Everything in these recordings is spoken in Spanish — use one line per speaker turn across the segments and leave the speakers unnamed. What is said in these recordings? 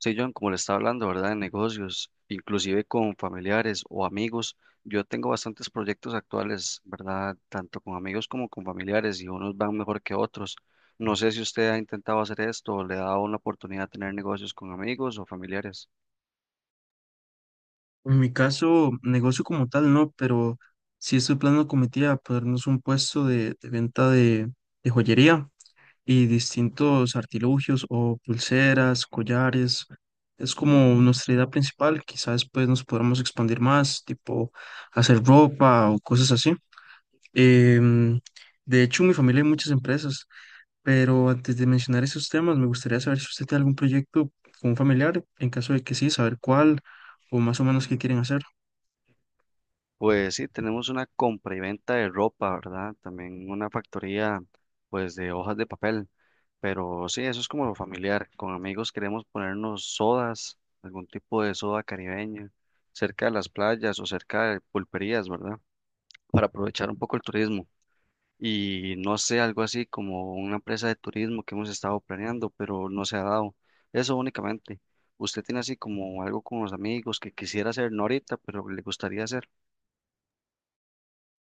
Sí, John, como le estaba hablando, ¿verdad? De negocios, inclusive con familiares o amigos. Yo tengo bastantes proyectos actuales, ¿verdad? Tanto con amigos como con familiares y unos van mejor que otros. No sé si usted ha intentado hacer esto o le ha dado una oportunidad de tener negocios con amigos o familiares.
En mi caso, negocio como tal no, pero sí estoy planeando con mi tía ponernos un puesto de venta de joyería y distintos artilugios o pulseras, collares. Es como nuestra idea principal. Quizás después nos podamos expandir más, tipo hacer ropa o cosas así. Em, de hecho, en mi familia hay muchas empresas, pero antes de mencionar esos temas, me gustaría saber si usted tiene algún proyecto con un familiar, en caso de que sí, saber cuál o más o menos qué quieren hacer.
Pues sí, tenemos una compra y venta de ropa, ¿verdad? También una factoría, pues, de hojas de papel. Pero sí, eso es como lo familiar. Con amigos queremos ponernos sodas, algún tipo de soda caribeña, cerca de las playas o cerca de pulperías, ¿verdad? Para aprovechar un poco el turismo. Y no sé, algo así como una empresa de turismo que hemos estado planeando, pero no se ha dado. Eso únicamente. ¿Usted tiene así como algo con los amigos que quisiera hacer, no ahorita, pero le gustaría hacer?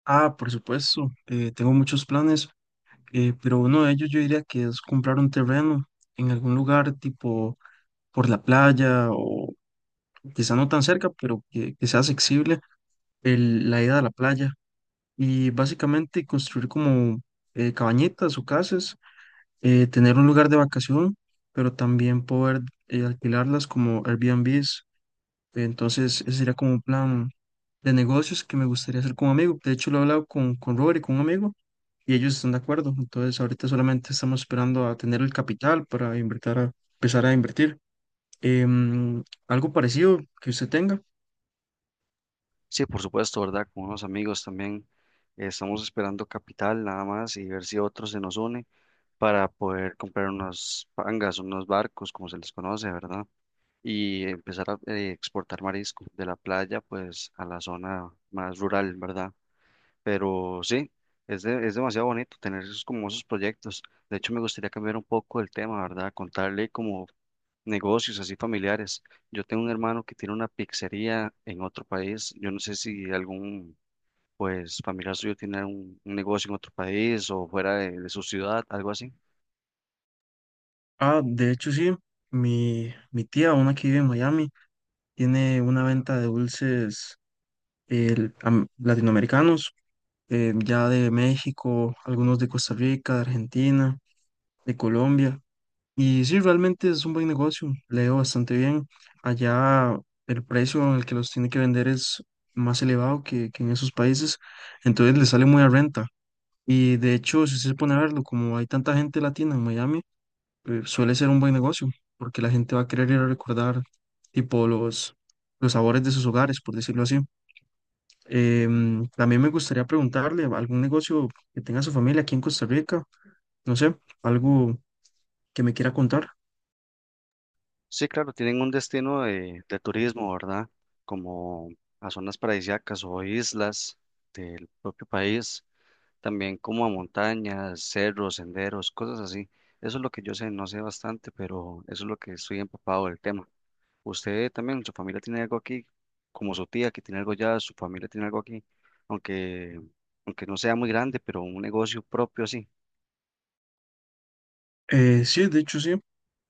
Ah, por supuesto, tengo muchos planes, pero uno de ellos yo diría que es comprar un terreno en algún lugar tipo por la playa o quizá no tan cerca, pero que sea accesible la ida a la playa y básicamente construir como cabañitas o casas, tener un lugar de vacación, pero también poder alquilarlas como Airbnbs. Entonces, ese sería como un plan de negocios que me gustaría hacer con un amigo. De hecho, lo he hablado con Robert y con un amigo y ellos están de acuerdo. Entonces, ahorita solamente estamos esperando a tener el capital para invertir a, empezar a invertir. Algo parecido que usted tenga.
Sí, por supuesto, ¿verdad? Con unos amigos también. Estamos esperando capital nada más y ver si otro se nos une para poder comprar unos pangas, unos barcos, como se les conoce, ¿verdad? Y empezar a exportar marisco de la playa, pues, a la zona más rural, ¿verdad? Pero sí, es demasiado bonito tener esos, como esos proyectos. De hecho, me gustaría cambiar un poco el tema, ¿verdad? Contarle como negocios así familiares. Yo tengo un hermano que tiene una pizzería en otro país. Yo no sé si algún pues familiar suyo tiene un negocio en otro país o fuera de su ciudad, algo así.
Ah, de hecho, sí, mi tía, una que vive en Miami, tiene una venta de dulces latinoamericanos, ya de México, algunos de Costa Rica, de Argentina, de Colombia. Y sí, realmente es un buen negocio, le ha ido bastante bien. Allá el precio en el que los tiene que vender es más elevado que en esos países, entonces le sale muy a renta. Y de hecho, si usted se pone a verlo, como hay tanta gente latina en Miami, suele ser un buen negocio, porque la gente va a querer ir a recordar tipo los sabores de sus hogares, por decirlo así. También me gustaría preguntarle algún negocio que tenga su familia aquí en Costa Rica, no sé, algo que me quiera contar.
Sí, claro, tienen un destino de turismo, ¿verdad? Como a zonas paradisíacas o islas del propio país, también como a montañas, cerros, senderos, cosas así. Eso es lo que yo sé, no sé bastante, pero eso es lo que estoy empapado del tema. Usted también, su familia tiene algo aquí, como su tía que tiene algo allá, su familia tiene algo aquí, aunque, aunque no sea muy grande, pero un negocio propio así.
Sí, de hecho sí.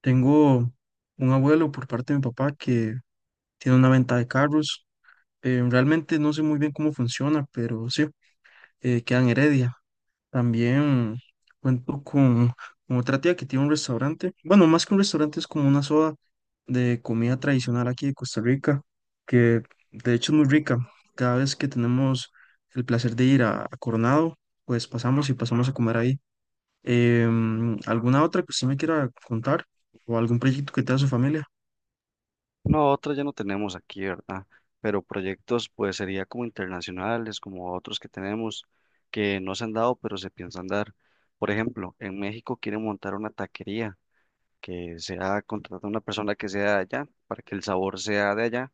Tengo un abuelo por parte de mi papá que tiene una venta de carros. Realmente no sé muy bien cómo funciona, pero sí, queda en Heredia. También cuento con otra tía que tiene un restaurante. Bueno, más que un restaurante, es como una soda de comida tradicional aquí de Costa Rica, que de hecho es muy rica. Cada vez que tenemos el placer de ir a Coronado, pues pasamos y pasamos a comer ahí. ¿Alguna otra que usted me quiera contar? ¿O algún proyecto que tenga su familia?
No, otras ya no tenemos aquí, ¿verdad? Pero proyectos, pues sería como internacionales, como otros que tenemos que no se han dado, pero se piensan dar. Por ejemplo, en México quieren montar una taquería que sea contratar a una persona que sea de allá para que el sabor sea de allá,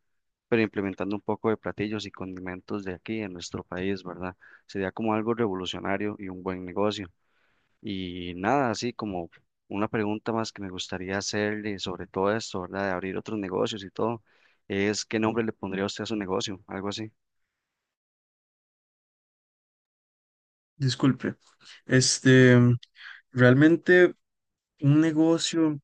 pero implementando un poco de platillos y condimentos de aquí en nuestro país, ¿verdad? Sería como algo revolucionario y un buen negocio. Y nada, así como una pregunta más que me gustaría hacerle sobre todo esto, ¿verdad? De abrir otros negocios y todo, es ¿qué nombre le pondría usted a su negocio? Algo así.
Disculpe, este, realmente un negocio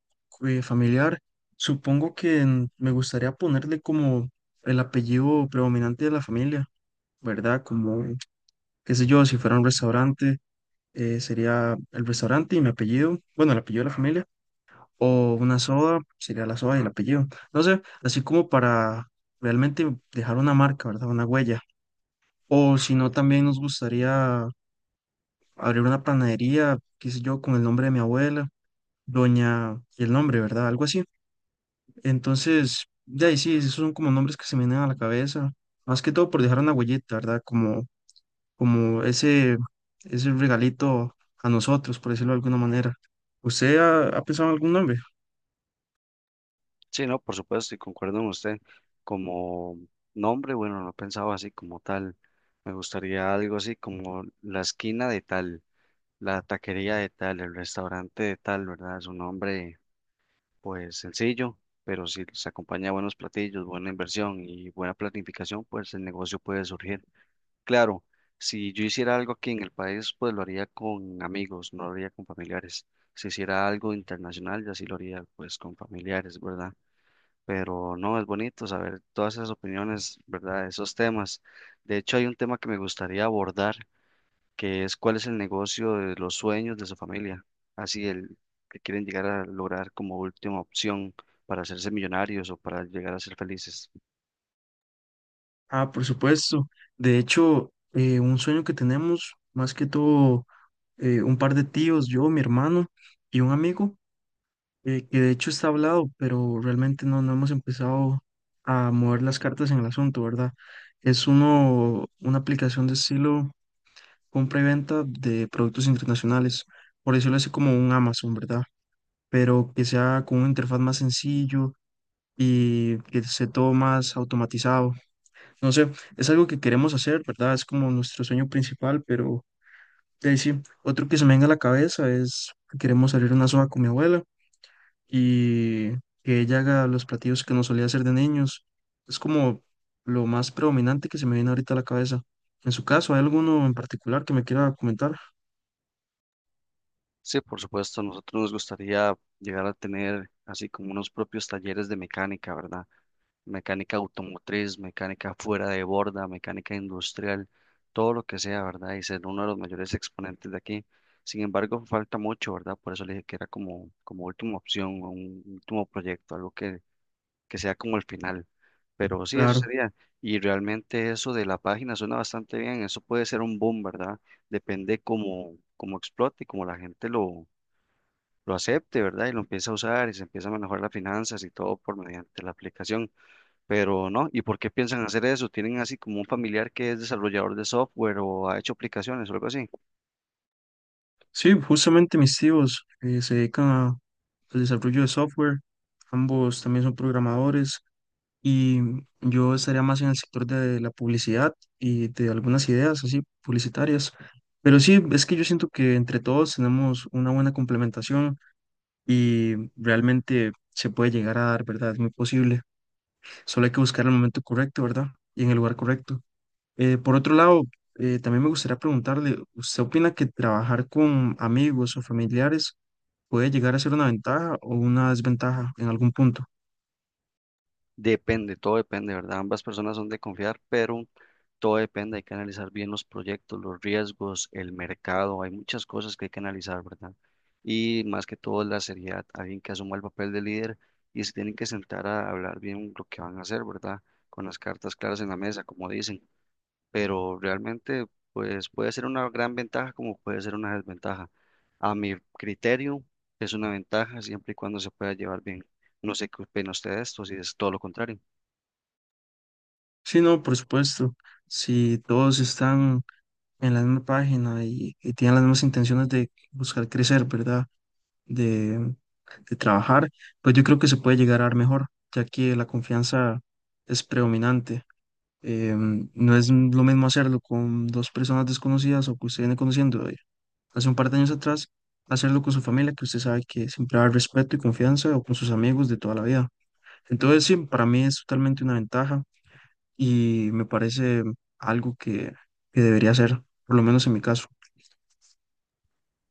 familiar, supongo que me gustaría ponerle como el apellido predominante de la familia, ¿verdad? Como, qué sé yo, si fuera un restaurante, sería el restaurante y mi apellido, bueno, el apellido de la familia, o una soda, sería la soda y el apellido, no sé, así como para realmente dejar una marca, ¿verdad? Una huella. O si no, también nos gustaría abrir una panadería, qué sé yo, con el nombre de mi abuela, doña y el nombre, ¿verdad? Algo así. Entonces, de ahí sí, esos son como nombres que se me vienen a la cabeza, más que todo por dejar una huellita, ¿verdad? Como, como ese, ese regalito a nosotros, por decirlo de alguna manera. ¿Usted ha pensado en algún nombre?
Sí, no, por supuesto, y concuerdo con usted. Como nombre, bueno, no pensaba así como tal. Me gustaría algo así como la esquina de tal, la taquería de tal, el restaurante de tal, ¿verdad? Es un nombre, pues sencillo, pero si se acompaña a buenos platillos, buena inversión y buena planificación, pues el negocio puede surgir. Claro, si yo hiciera algo aquí en el país, pues lo haría con amigos, no lo haría con familiares. Si hiciera algo internacional, ya sí lo haría pues con familiares, ¿verdad? Pero no, es bonito saber todas esas opiniones, ¿verdad? Esos temas. De hecho, hay un tema que me gustaría abordar, que es cuál es el negocio de los sueños de su familia, así el que quieren llegar a lograr como última opción para hacerse millonarios o para llegar a ser felices.
Ah, por supuesto. De hecho, un sueño que tenemos, más que todo, un par de tíos, yo, mi hermano y un amigo que de hecho está hablado, pero realmente no hemos empezado a mover las cartas en el asunto, ¿verdad? Es uno, una aplicación de estilo compra y venta de productos internacionales, por decirlo así como un Amazon, ¿verdad? Pero que sea con una interfaz más sencillo y que esté todo más automatizado. No sé, es algo que queremos hacer, ¿verdad? Es como nuestro sueño principal, pero de ahí sí, otro que se me venga a la cabeza es que queremos salir a una soga con mi abuela y que ella haga los platillos que no solía hacer de niños. Es como lo más predominante que se me viene ahorita a la cabeza. En su caso, ¿hay alguno en particular que me quiera comentar?
Sí, por supuesto, a nosotros nos gustaría llegar a tener así como unos propios talleres de mecánica, ¿verdad? Mecánica automotriz, mecánica fuera de borda, mecánica industrial, todo lo que sea, ¿verdad? Y ser uno de los mayores exponentes de aquí. Sin embargo, falta mucho, ¿verdad? Por eso le dije que era como última opción, un último proyecto, que sea como el final. Pero sí, eso
Claro.
sería. Y realmente eso de la página suena bastante bien. Eso puede ser un boom, ¿verdad? Depende cómo explote y cómo la gente lo acepte, ¿verdad? Y lo empieza a usar y se empieza a manejar las finanzas y todo por mediante la aplicación. Pero no, ¿y por qué piensan hacer eso? ¿Tienen así como un familiar que es desarrollador de software o ha hecho aplicaciones o algo así?
Sí, justamente mis tíos se dedican al desarrollo de software. Ambos también son programadores y yo estaría más en el sector de la publicidad y de algunas ideas así publicitarias. Pero sí, es que yo siento que entre todos tenemos una buena complementación y realmente se puede llegar a dar, ¿verdad? Es muy posible. Solo hay que buscar el momento correcto, ¿verdad? Y en el lugar correcto. Por otro lado, también me gustaría preguntarle, ¿usted opina que trabajar con amigos o familiares puede llegar a ser una ventaja o una desventaja en algún punto?
Depende, todo depende, ¿verdad? Ambas personas son de confiar, pero todo depende. Hay que analizar bien los proyectos, los riesgos, el mercado. Hay muchas cosas que hay que analizar, ¿verdad? Y más que todo la seriedad, alguien que asuma el papel de líder y se tienen que sentar a hablar bien lo que van a hacer, ¿verdad? Con las cartas claras en la mesa, como dicen, pero realmente pues puede ser una gran ventaja como puede ser una desventaja. A mi criterio es una ventaja siempre y cuando se pueda llevar bien. No sé qué opina usted de esto, si es todo lo contrario.
Sí, no, por supuesto. Si todos están en la misma página y tienen las mismas intenciones de buscar crecer, ¿verdad? De trabajar, pues yo creo que se puede llegar a dar mejor, ya que la confianza es predominante. No es lo mismo hacerlo con dos personas desconocidas o que usted viene conociendo de hace un par de años atrás, hacerlo con su familia, que usted sabe que siempre va a haber respeto y confianza, o con sus amigos de toda la vida. Entonces, sí, para mí es totalmente una ventaja y me parece algo que debería ser, por lo menos en mi caso.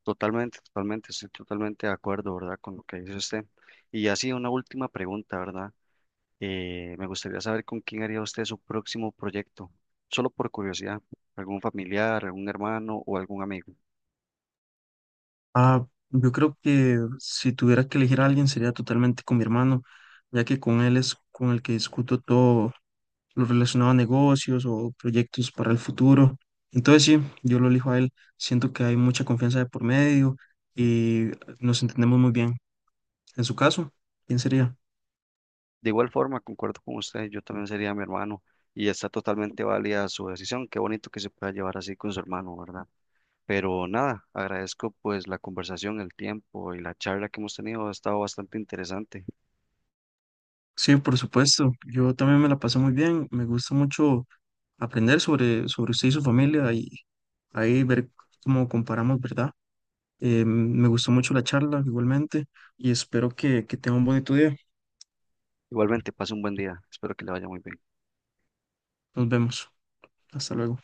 Totalmente, totalmente, estoy totalmente de acuerdo, ¿verdad? Con lo que dice usted. Y así una última pregunta, ¿verdad? Me gustaría saber con quién haría usted su próximo proyecto, solo por curiosidad, algún familiar, algún hermano o algún amigo.
Ah, yo creo que si tuviera que elegir a alguien sería totalmente con mi hermano, ya que con él es con el que discuto todo lo relacionado a negocios o proyectos para el futuro. Entonces sí, yo lo elijo a él. Siento que hay mucha confianza de por medio y nos entendemos muy bien. En su caso, ¿quién sería?
De igual forma, concuerdo con usted, yo también sería mi hermano y está totalmente válida su decisión. Qué bonito que se pueda llevar así con su hermano, ¿verdad? Pero nada, agradezco pues la conversación, el tiempo y la charla que hemos tenido. Ha estado bastante interesante.
Sí, por supuesto. Yo también me la paso muy bien. Me gusta mucho aprender sobre, sobre usted y su familia y ahí ver cómo comparamos, ¿verdad? Me gustó mucho la charla igualmente y espero que tenga un bonito día.
Igualmente, pase un buen día. Espero que le vaya muy bien.
Nos vemos. Hasta luego.